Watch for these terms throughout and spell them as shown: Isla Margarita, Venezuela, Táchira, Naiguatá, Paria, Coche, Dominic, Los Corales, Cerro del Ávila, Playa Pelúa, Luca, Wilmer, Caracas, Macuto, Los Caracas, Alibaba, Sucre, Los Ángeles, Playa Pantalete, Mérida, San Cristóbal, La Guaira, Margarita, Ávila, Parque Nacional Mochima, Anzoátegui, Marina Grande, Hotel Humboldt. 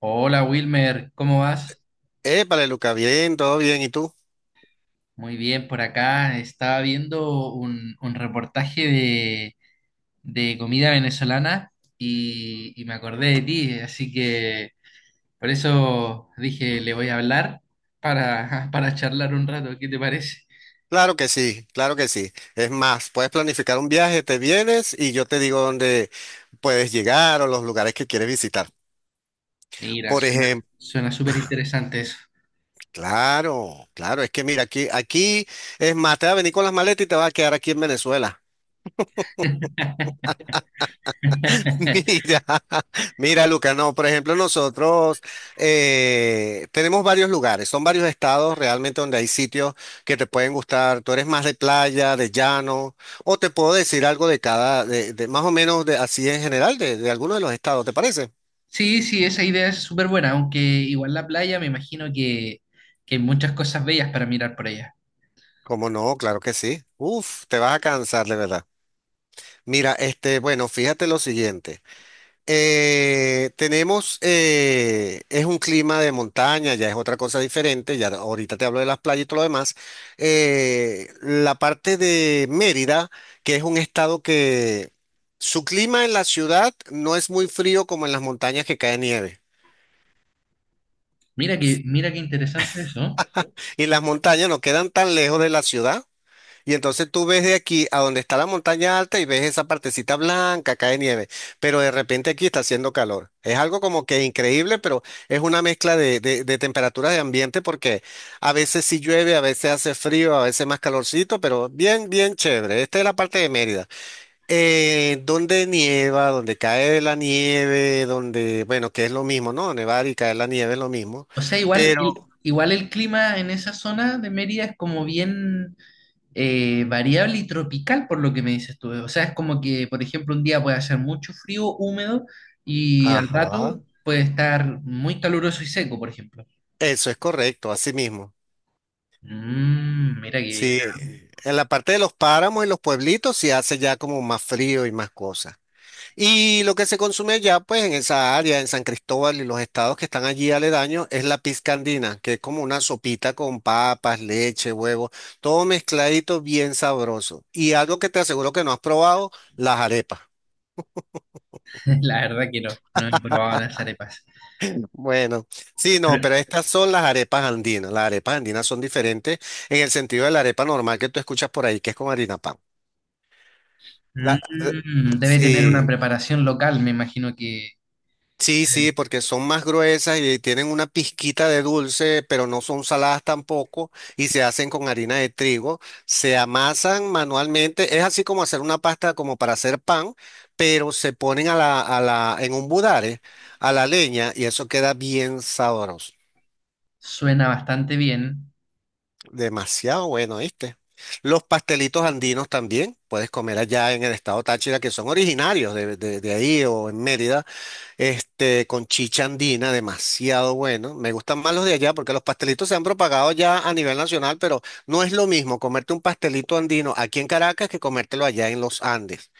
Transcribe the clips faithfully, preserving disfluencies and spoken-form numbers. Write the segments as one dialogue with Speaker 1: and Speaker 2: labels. Speaker 1: Hola Wilmer, ¿cómo vas?
Speaker 2: Épale, Luca, bien, todo bien. ¿Y tú?
Speaker 1: Muy bien, por acá estaba viendo un, un reportaje de, de comida venezolana y, y me acordé de ti, así que por eso dije, le voy a hablar para, para charlar un rato, ¿qué te parece?
Speaker 2: Claro que sí, claro que sí. Es más, puedes planificar un viaje, te vienes y yo te digo dónde puedes llegar o los lugares que quieres visitar.
Speaker 1: Mira,
Speaker 2: Por
Speaker 1: suena,
Speaker 2: ejemplo,
Speaker 1: suena súper interesante eso.
Speaker 2: claro, claro, es que mira, aquí, aquí es más, te va a venir con las maletas y te va a quedar aquí en Venezuela. Mira, mira, Luca, no, por ejemplo, nosotros eh, tenemos varios lugares, son varios estados realmente donde hay sitios que te pueden gustar. Tú eres más de playa, de llano, o te puedo decir algo de cada, de, de más o menos de, así en general, de, de alguno de los estados, ¿te parece?
Speaker 1: Sí, sí, esa idea es súper buena, aunque igual la playa me imagino que, que hay muchas cosas bellas para mirar por allá.
Speaker 2: Como no, claro que sí. Uf, te vas a cansar de verdad. Mira, este, bueno, fíjate lo siguiente. Eh, tenemos, eh, es un clima de montaña, ya es otra cosa diferente, ya ahorita te hablo de las playas y todo lo demás. Eh, la parte de Mérida, que es un estado que su clima en la ciudad no es muy frío como en las montañas que cae nieve.
Speaker 1: Mira que, mira qué interesante eso.
Speaker 2: Y las montañas no quedan tan lejos de la ciudad. Y entonces tú ves de aquí a donde está la montaña alta y ves esa partecita blanca, cae nieve, pero de repente aquí está haciendo calor. Es algo como que increíble, pero es una mezcla de, de, de temperaturas de ambiente porque a veces sí llueve, a veces hace frío, a veces más calorcito, pero bien, bien chévere. Esta es la parte de Mérida. Eh, donde nieva, donde cae la nieve, donde, bueno, que es lo mismo, ¿no? Nevar y caer la nieve es lo mismo,
Speaker 1: O sea, igual
Speaker 2: pero,
Speaker 1: el, igual el clima en esa zona de Mérida es como bien eh, variable y tropical, por lo que me dices tú. O sea, es como que, por ejemplo, un día puede hacer mucho frío, húmedo, y al
Speaker 2: ajá,
Speaker 1: rato puede estar muy caluroso y seco, por ejemplo.
Speaker 2: eso es correcto, así mismo.
Speaker 1: Mm, mira qué bien.
Speaker 2: Sí, en la parte de los páramos y los pueblitos se hace ya como más frío y más cosas. Y lo que se consume ya pues en esa área, en San Cristóbal y los estados que están allí aledaños, es la pizca andina, que es como una sopita con papas, leche, huevo, todo mezcladito bien sabroso. Y algo que te aseguro que no has probado, las arepas.
Speaker 1: La verdad que no, no he probado las arepas.
Speaker 2: Bueno, sí,
Speaker 1: Pero
Speaker 2: no, pero estas son las arepas andinas. Las arepas andinas son diferentes en el sentido de la arepa normal que tú escuchas por ahí, que es con harina pan. La- eh,
Speaker 1: mm, debe tener una
Speaker 2: Sí,
Speaker 1: preparación local, me imagino que eh,
Speaker 2: Sí, sí, porque son más gruesas y tienen una pizquita de dulce, pero no son saladas tampoco y se hacen con harina de trigo, se amasan manualmente, es así como hacer una pasta como para hacer pan, pero se ponen a la, a la, en un budare, a la leña y eso queda bien sabroso,
Speaker 1: suena bastante bien.
Speaker 2: demasiado bueno, ¿viste? Los pastelitos andinos también, puedes comer allá en el estado Táchira, que son originarios de, de de ahí o en Mérida. Este, con chicha andina, demasiado bueno. Me gustan más los de allá porque los pastelitos se han propagado ya a nivel nacional, pero no es lo mismo comerte un pastelito andino aquí en Caracas que comértelo allá en los Andes.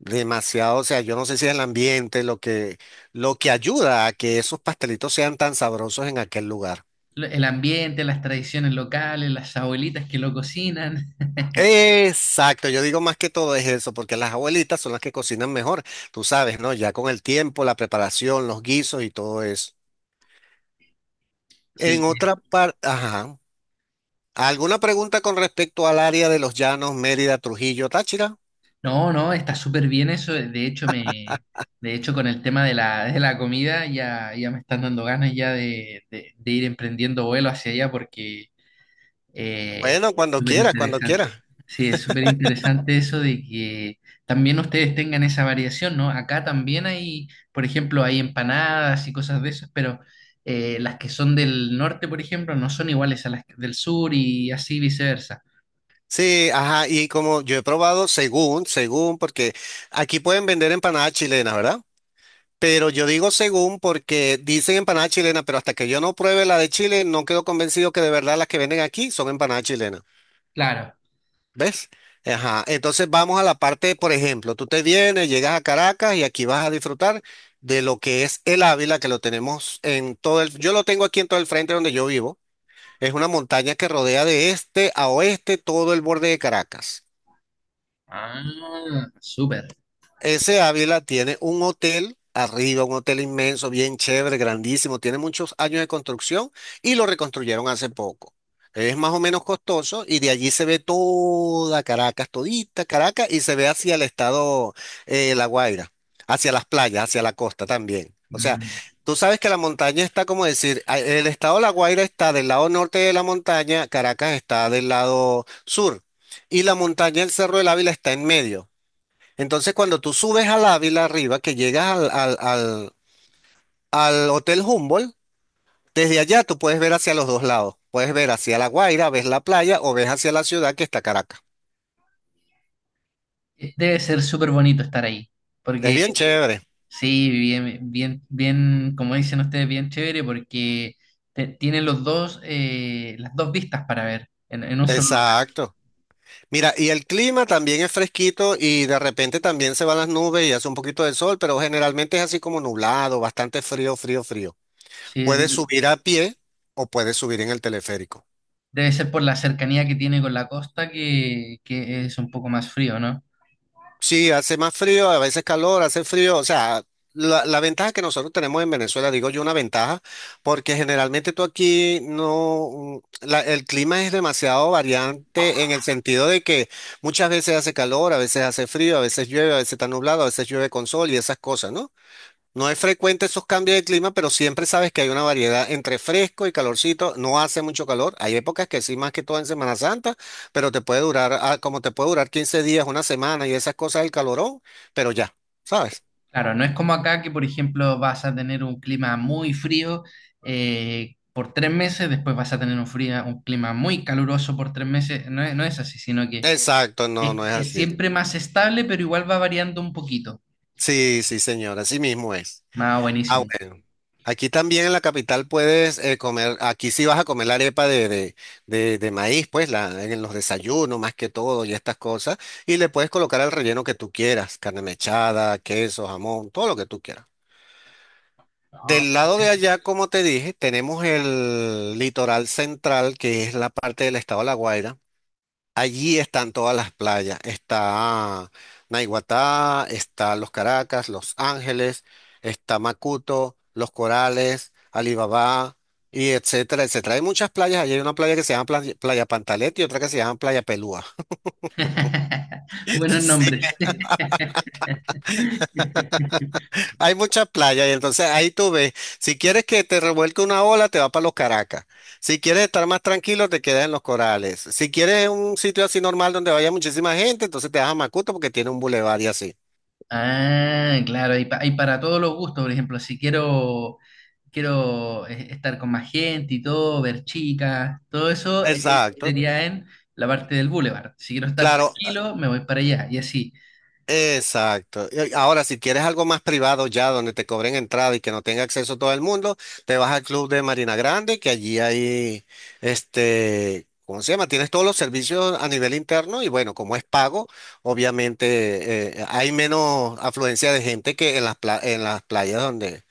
Speaker 2: Demasiado, o sea, yo no sé si es el ambiente lo que, lo que ayuda a que esos pastelitos sean tan sabrosos en aquel lugar.
Speaker 1: Lo- El ambiente, las tradiciones locales, las abuelitas que lo cocinan.
Speaker 2: Exacto, yo digo más que todo es eso, porque las abuelitas son las que cocinan mejor, tú sabes, ¿no? Ya con el tiempo, la preparación, los guisos y todo eso.
Speaker 1: Sí,
Speaker 2: En otra parte, ajá. ¿Alguna pregunta con respecto al área de los Llanos, Mérida, Trujillo, Táchira?
Speaker 1: no, no, está súper bien eso. De hecho, me, de hecho, con el tema de la, de la comida ya, ya me están dando ganas ya de, de- de ir emprendiendo vuelo hacia allá porque eh,
Speaker 2: Bueno, cuando
Speaker 1: súper
Speaker 2: quieras, cuando
Speaker 1: interesante.
Speaker 2: quieras.
Speaker 1: Sí, es súper interesante eso de que también ustedes tengan esa variación, ¿no? Acá también hay, por ejemplo, hay empanadas y cosas de esas, pero eh, las que son del norte, por ejemplo, no son iguales a las del sur y así viceversa.
Speaker 2: Sí, ajá, y como yo he probado, según, según, porque aquí pueden vender empanadas chilenas, ¿verdad? Pero yo digo según porque dicen empanadas chilenas, pero hasta que yo no pruebe la de Chile, no quedo convencido que de verdad las que venden aquí son empanadas chilenas.
Speaker 1: Claro.
Speaker 2: ¿Ves? Ajá. Entonces vamos a la parte, por ejemplo, tú te vienes, llegas a Caracas y aquí vas a disfrutar de lo que es el Ávila, que lo tenemos en todo el, yo lo tengo aquí en todo el frente donde yo vivo. Es una montaña que rodea de este a oeste todo el borde de Caracas.
Speaker 1: Ah, súper.
Speaker 2: Ese Ávila tiene un hotel arriba, un hotel inmenso, bien chévere, grandísimo, tiene muchos años de construcción y lo reconstruyeron hace poco. Es más o menos costoso y de allí se ve toda Caracas, todita Caracas y se ve hacia el estado eh, La Guaira, hacia las playas, hacia la costa también. O sea,
Speaker 1: Mm.
Speaker 2: tú sabes que la montaña está como decir, a- el estado La Guaira está del lado norte de la montaña, Caracas está del lado sur y la montaña, el Cerro del Ávila está en medio. Entonces, cuando tú subes al Ávila arriba, que llegas al, al, al, al Hotel Humboldt, desde allá tú puedes ver hacia los dos lados. Puedes ver hacia La Guaira, ves la playa o ves hacia la ciudad que está Caracas.
Speaker 1: Eh, Debe ser súper bonito estar ahí,
Speaker 2: Es
Speaker 1: porque
Speaker 2: bien chévere.
Speaker 1: sí, bien, bien, bien, como dicen ustedes, bien chévere, porque te- tienen los dos, eh, las dos vistas para ver en, en un solo lugar.
Speaker 2: Exacto. Mira, y el clima también es fresquito y de repente también se van las nubes y hace un poquito de sol, pero generalmente es así como nublado, bastante frío, frío, frío.
Speaker 1: Sí, es-
Speaker 2: Puedes subir a pie o puedes subir en el teleférico.
Speaker 1: debe ser por la cercanía que tiene con la costa que, que es un poco más frío, ¿no?
Speaker 2: Sí, hace más frío, a veces calor, hace frío. O sea, la, la ventaja que nosotros tenemos en Venezuela, digo yo una ventaja, porque generalmente tú aquí no, la- el clima es demasiado variante en el sentido de que muchas veces hace calor, a veces hace frío, a veces llueve, a veces está nublado, a veces llueve con sol y esas cosas, ¿no? No es frecuente esos cambios de clima, pero siempre sabes que hay una variedad entre fresco y calorcito. No hace mucho calor. Hay épocas que sí, más que todo en Semana Santa, pero te puede durar, ah, como te puede durar quince días, una semana y esas cosas del calorón, pero ya, ¿sabes?
Speaker 1: Claro, no es como acá que, por ejemplo, vas a tener un clima muy frío eh, por tres meses, después vas a tener un fría un clima muy caluroso por tres meses. No es, no es así, sino que
Speaker 2: Exacto, no,
Speaker 1: Es,
Speaker 2: no es
Speaker 1: es
Speaker 2: así.
Speaker 1: siempre más estable, pero igual va variando un poquito.
Speaker 2: Sí, sí, señora, así mismo es.
Speaker 1: Ah,
Speaker 2: Ah,
Speaker 1: buenísimo.
Speaker 2: bueno. Aquí también en la capital puedes eh, comer, aquí sí vas a comer la arepa de, de, de- de maíz, pues la, en los desayunos más que todo y estas cosas, y le puedes colocar el relleno que tú quieras, carne mechada, queso, jamón, todo lo que tú quieras.
Speaker 1: No,
Speaker 2: Del
Speaker 1: eso-
Speaker 2: lado de
Speaker 1: eso.
Speaker 2: allá, como te dije, tenemos el litoral central, que es la parte del estado de La Guaira. Allí están todas las playas. Está Naiguatá, está Los Caracas, Los Ángeles, está Macuto, Los Corales, Alibaba, y etcétera, etcétera. Hay muchas playas. Allí hay una playa que se llama Playa, Playa Pantalete y otra que se llama Playa Pelúa.
Speaker 1: Buenos
Speaker 2: Sí.
Speaker 1: nombres.
Speaker 2: Hay muchas playas y entonces ahí tú ves, si quieres que te revuelque una ola, te va para los Caracas. Si quieres estar más tranquilo, te quedas en los Corales. Si quieres un sitio así normal donde vaya muchísima gente, entonces te vas a Macuto porque tiene un bulevar y así.
Speaker 1: Ah, claro, hay, pa- hay para todos los gustos, por ejemplo, si quiero, quiero eh, estar con más gente y todo, ver chicas, todo eso eh,
Speaker 2: Exacto,
Speaker 1: sería en la parte del boulevard. Si quiero estar
Speaker 2: claro,
Speaker 1: tranquilo, me voy para allá y así.
Speaker 2: exacto. Y ahora, si quieres algo más privado ya, donde te cobren entrada y que no tenga acceso todo el mundo, te vas al club de Marina Grande, que allí hay, este, ¿cómo se llama? Tienes todos los servicios a nivel interno y bueno, como es pago, obviamente eh, hay menos afluencia de gente que en las, pla- en las playas donde,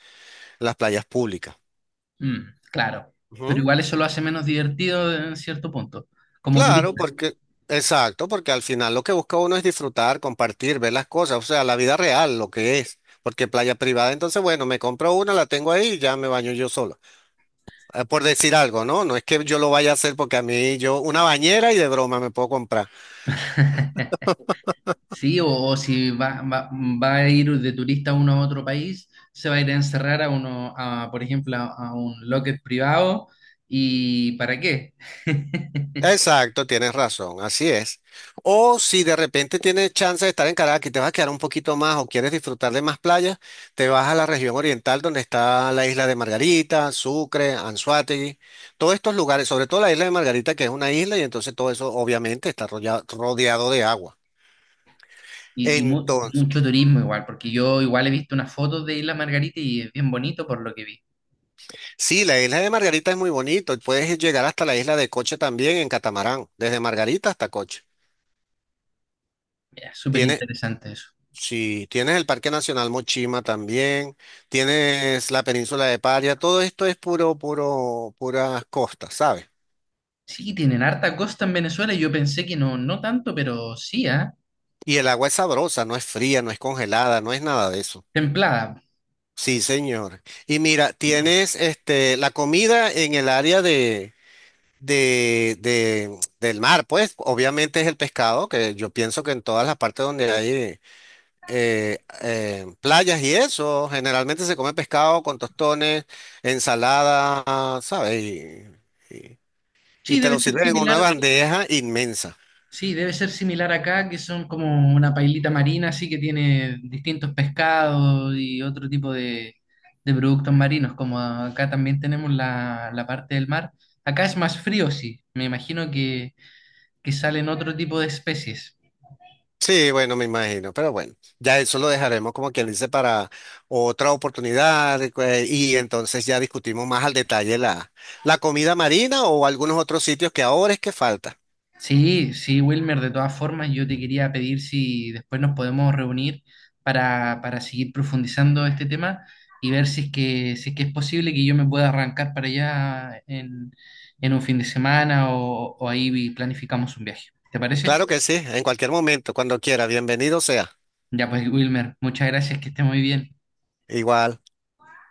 Speaker 2: las playas públicas.
Speaker 1: Mm, claro, pero
Speaker 2: Ujú.
Speaker 1: igual eso lo hace menos divertido en cierto punto, como
Speaker 2: Claro,
Speaker 1: turista.
Speaker 2: porque, exacto, porque al final lo que busca uno es disfrutar, compartir, ver las cosas, o sea, la vida real, lo que es. Porque playa privada, entonces, bueno, me compro una, la tengo ahí y ya me baño yo solo. Eh, Por decir algo, ¿no? No es que yo lo vaya a hacer porque a mí yo, una bañera y de broma me puedo comprar.
Speaker 1: Sí, o, o si va, va, va a ir de turista uno a otro país, se va a ir a encerrar a uno, a, por ejemplo, a, a un locket privado. ¿Y para qué?
Speaker 2: Exacto, tienes razón, así es. O si de repente tienes chance de estar en Caracas y te vas a quedar un poquito más o quieres disfrutar de más playas, te vas a la región oriental donde está la isla de Margarita, Sucre, Anzoátegui, todos estos lugares, sobre todo la isla de Margarita que es una isla y entonces todo eso obviamente está rodeado, rodeado de agua.
Speaker 1: Y, y mu-
Speaker 2: Entonces,
Speaker 1: mucho turismo igual, porque yo igual he visto unas fotos de Isla Margarita y es bien bonito por lo que vi.
Speaker 2: sí, la isla de Margarita es muy bonito, puedes llegar hasta la isla de Coche también en catamarán, desde Margarita hasta Coche.
Speaker 1: Mira, súper interesante eso.
Speaker 2: Sí, tienes el Parque Nacional Mochima también, tienes la península de Paria, todo esto es puro, puro, puras costas, ¿sabes?
Speaker 1: Sí, tienen harta costa en Venezuela y yo pensé que no, no tanto, pero sí, ¿ah?
Speaker 2: Y el agua es sabrosa, no es fría, no es congelada, no es nada de eso.
Speaker 1: Templada.
Speaker 2: Sí, señor. Y mira, tienes este la comida en el área de, de, de- del mar, pues obviamente es el pescado, que yo pienso que en todas las partes donde hay eh, eh, playas y eso, generalmente se come pescado con tostones, ensalada, ¿sabes? Y, y- y
Speaker 1: Sí,
Speaker 2: te
Speaker 1: debe
Speaker 2: lo
Speaker 1: ser
Speaker 2: sirven en una
Speaker 1: similar.
Speaker 2: bandeja inmensa.
Speaker 1: Sí, debe ser similar acá, que son como una pailita marina, así que tiene distintos pescados y otro tipo de, de productos marinos, como acá también tenemos la, la parte del mar. Acá es más frío, sí. Me imagino que, que salen otro tipo de especies.
Speaker 2: Sí, bueno, me imagino, pero bueno, ya eso lo dejaremos como quien dice para otra oportunidad y cue- y entonces ya discutimos más al detalle la, la comida marina o algunos otros sitios que ahora es que falta.
Speaker 1: Sí, sí, Wilmer, de todas formas, yo te quería pedir si después nos podemos reunir para, para seguir profundizando este tema y ver si es que, si es que es posible que yo me pueda arrancar para allá en, en un fin de semana o, o ahí planificamos un viaje. ¿Te parece?
Speaker 2: Claro que sí, en cualquier momento, cuando quiera, bienvenido sea.
Speaker 1: Ya pues, Wilmer, muchas gracias, que esté muy bien.
Speaker 2: Igual.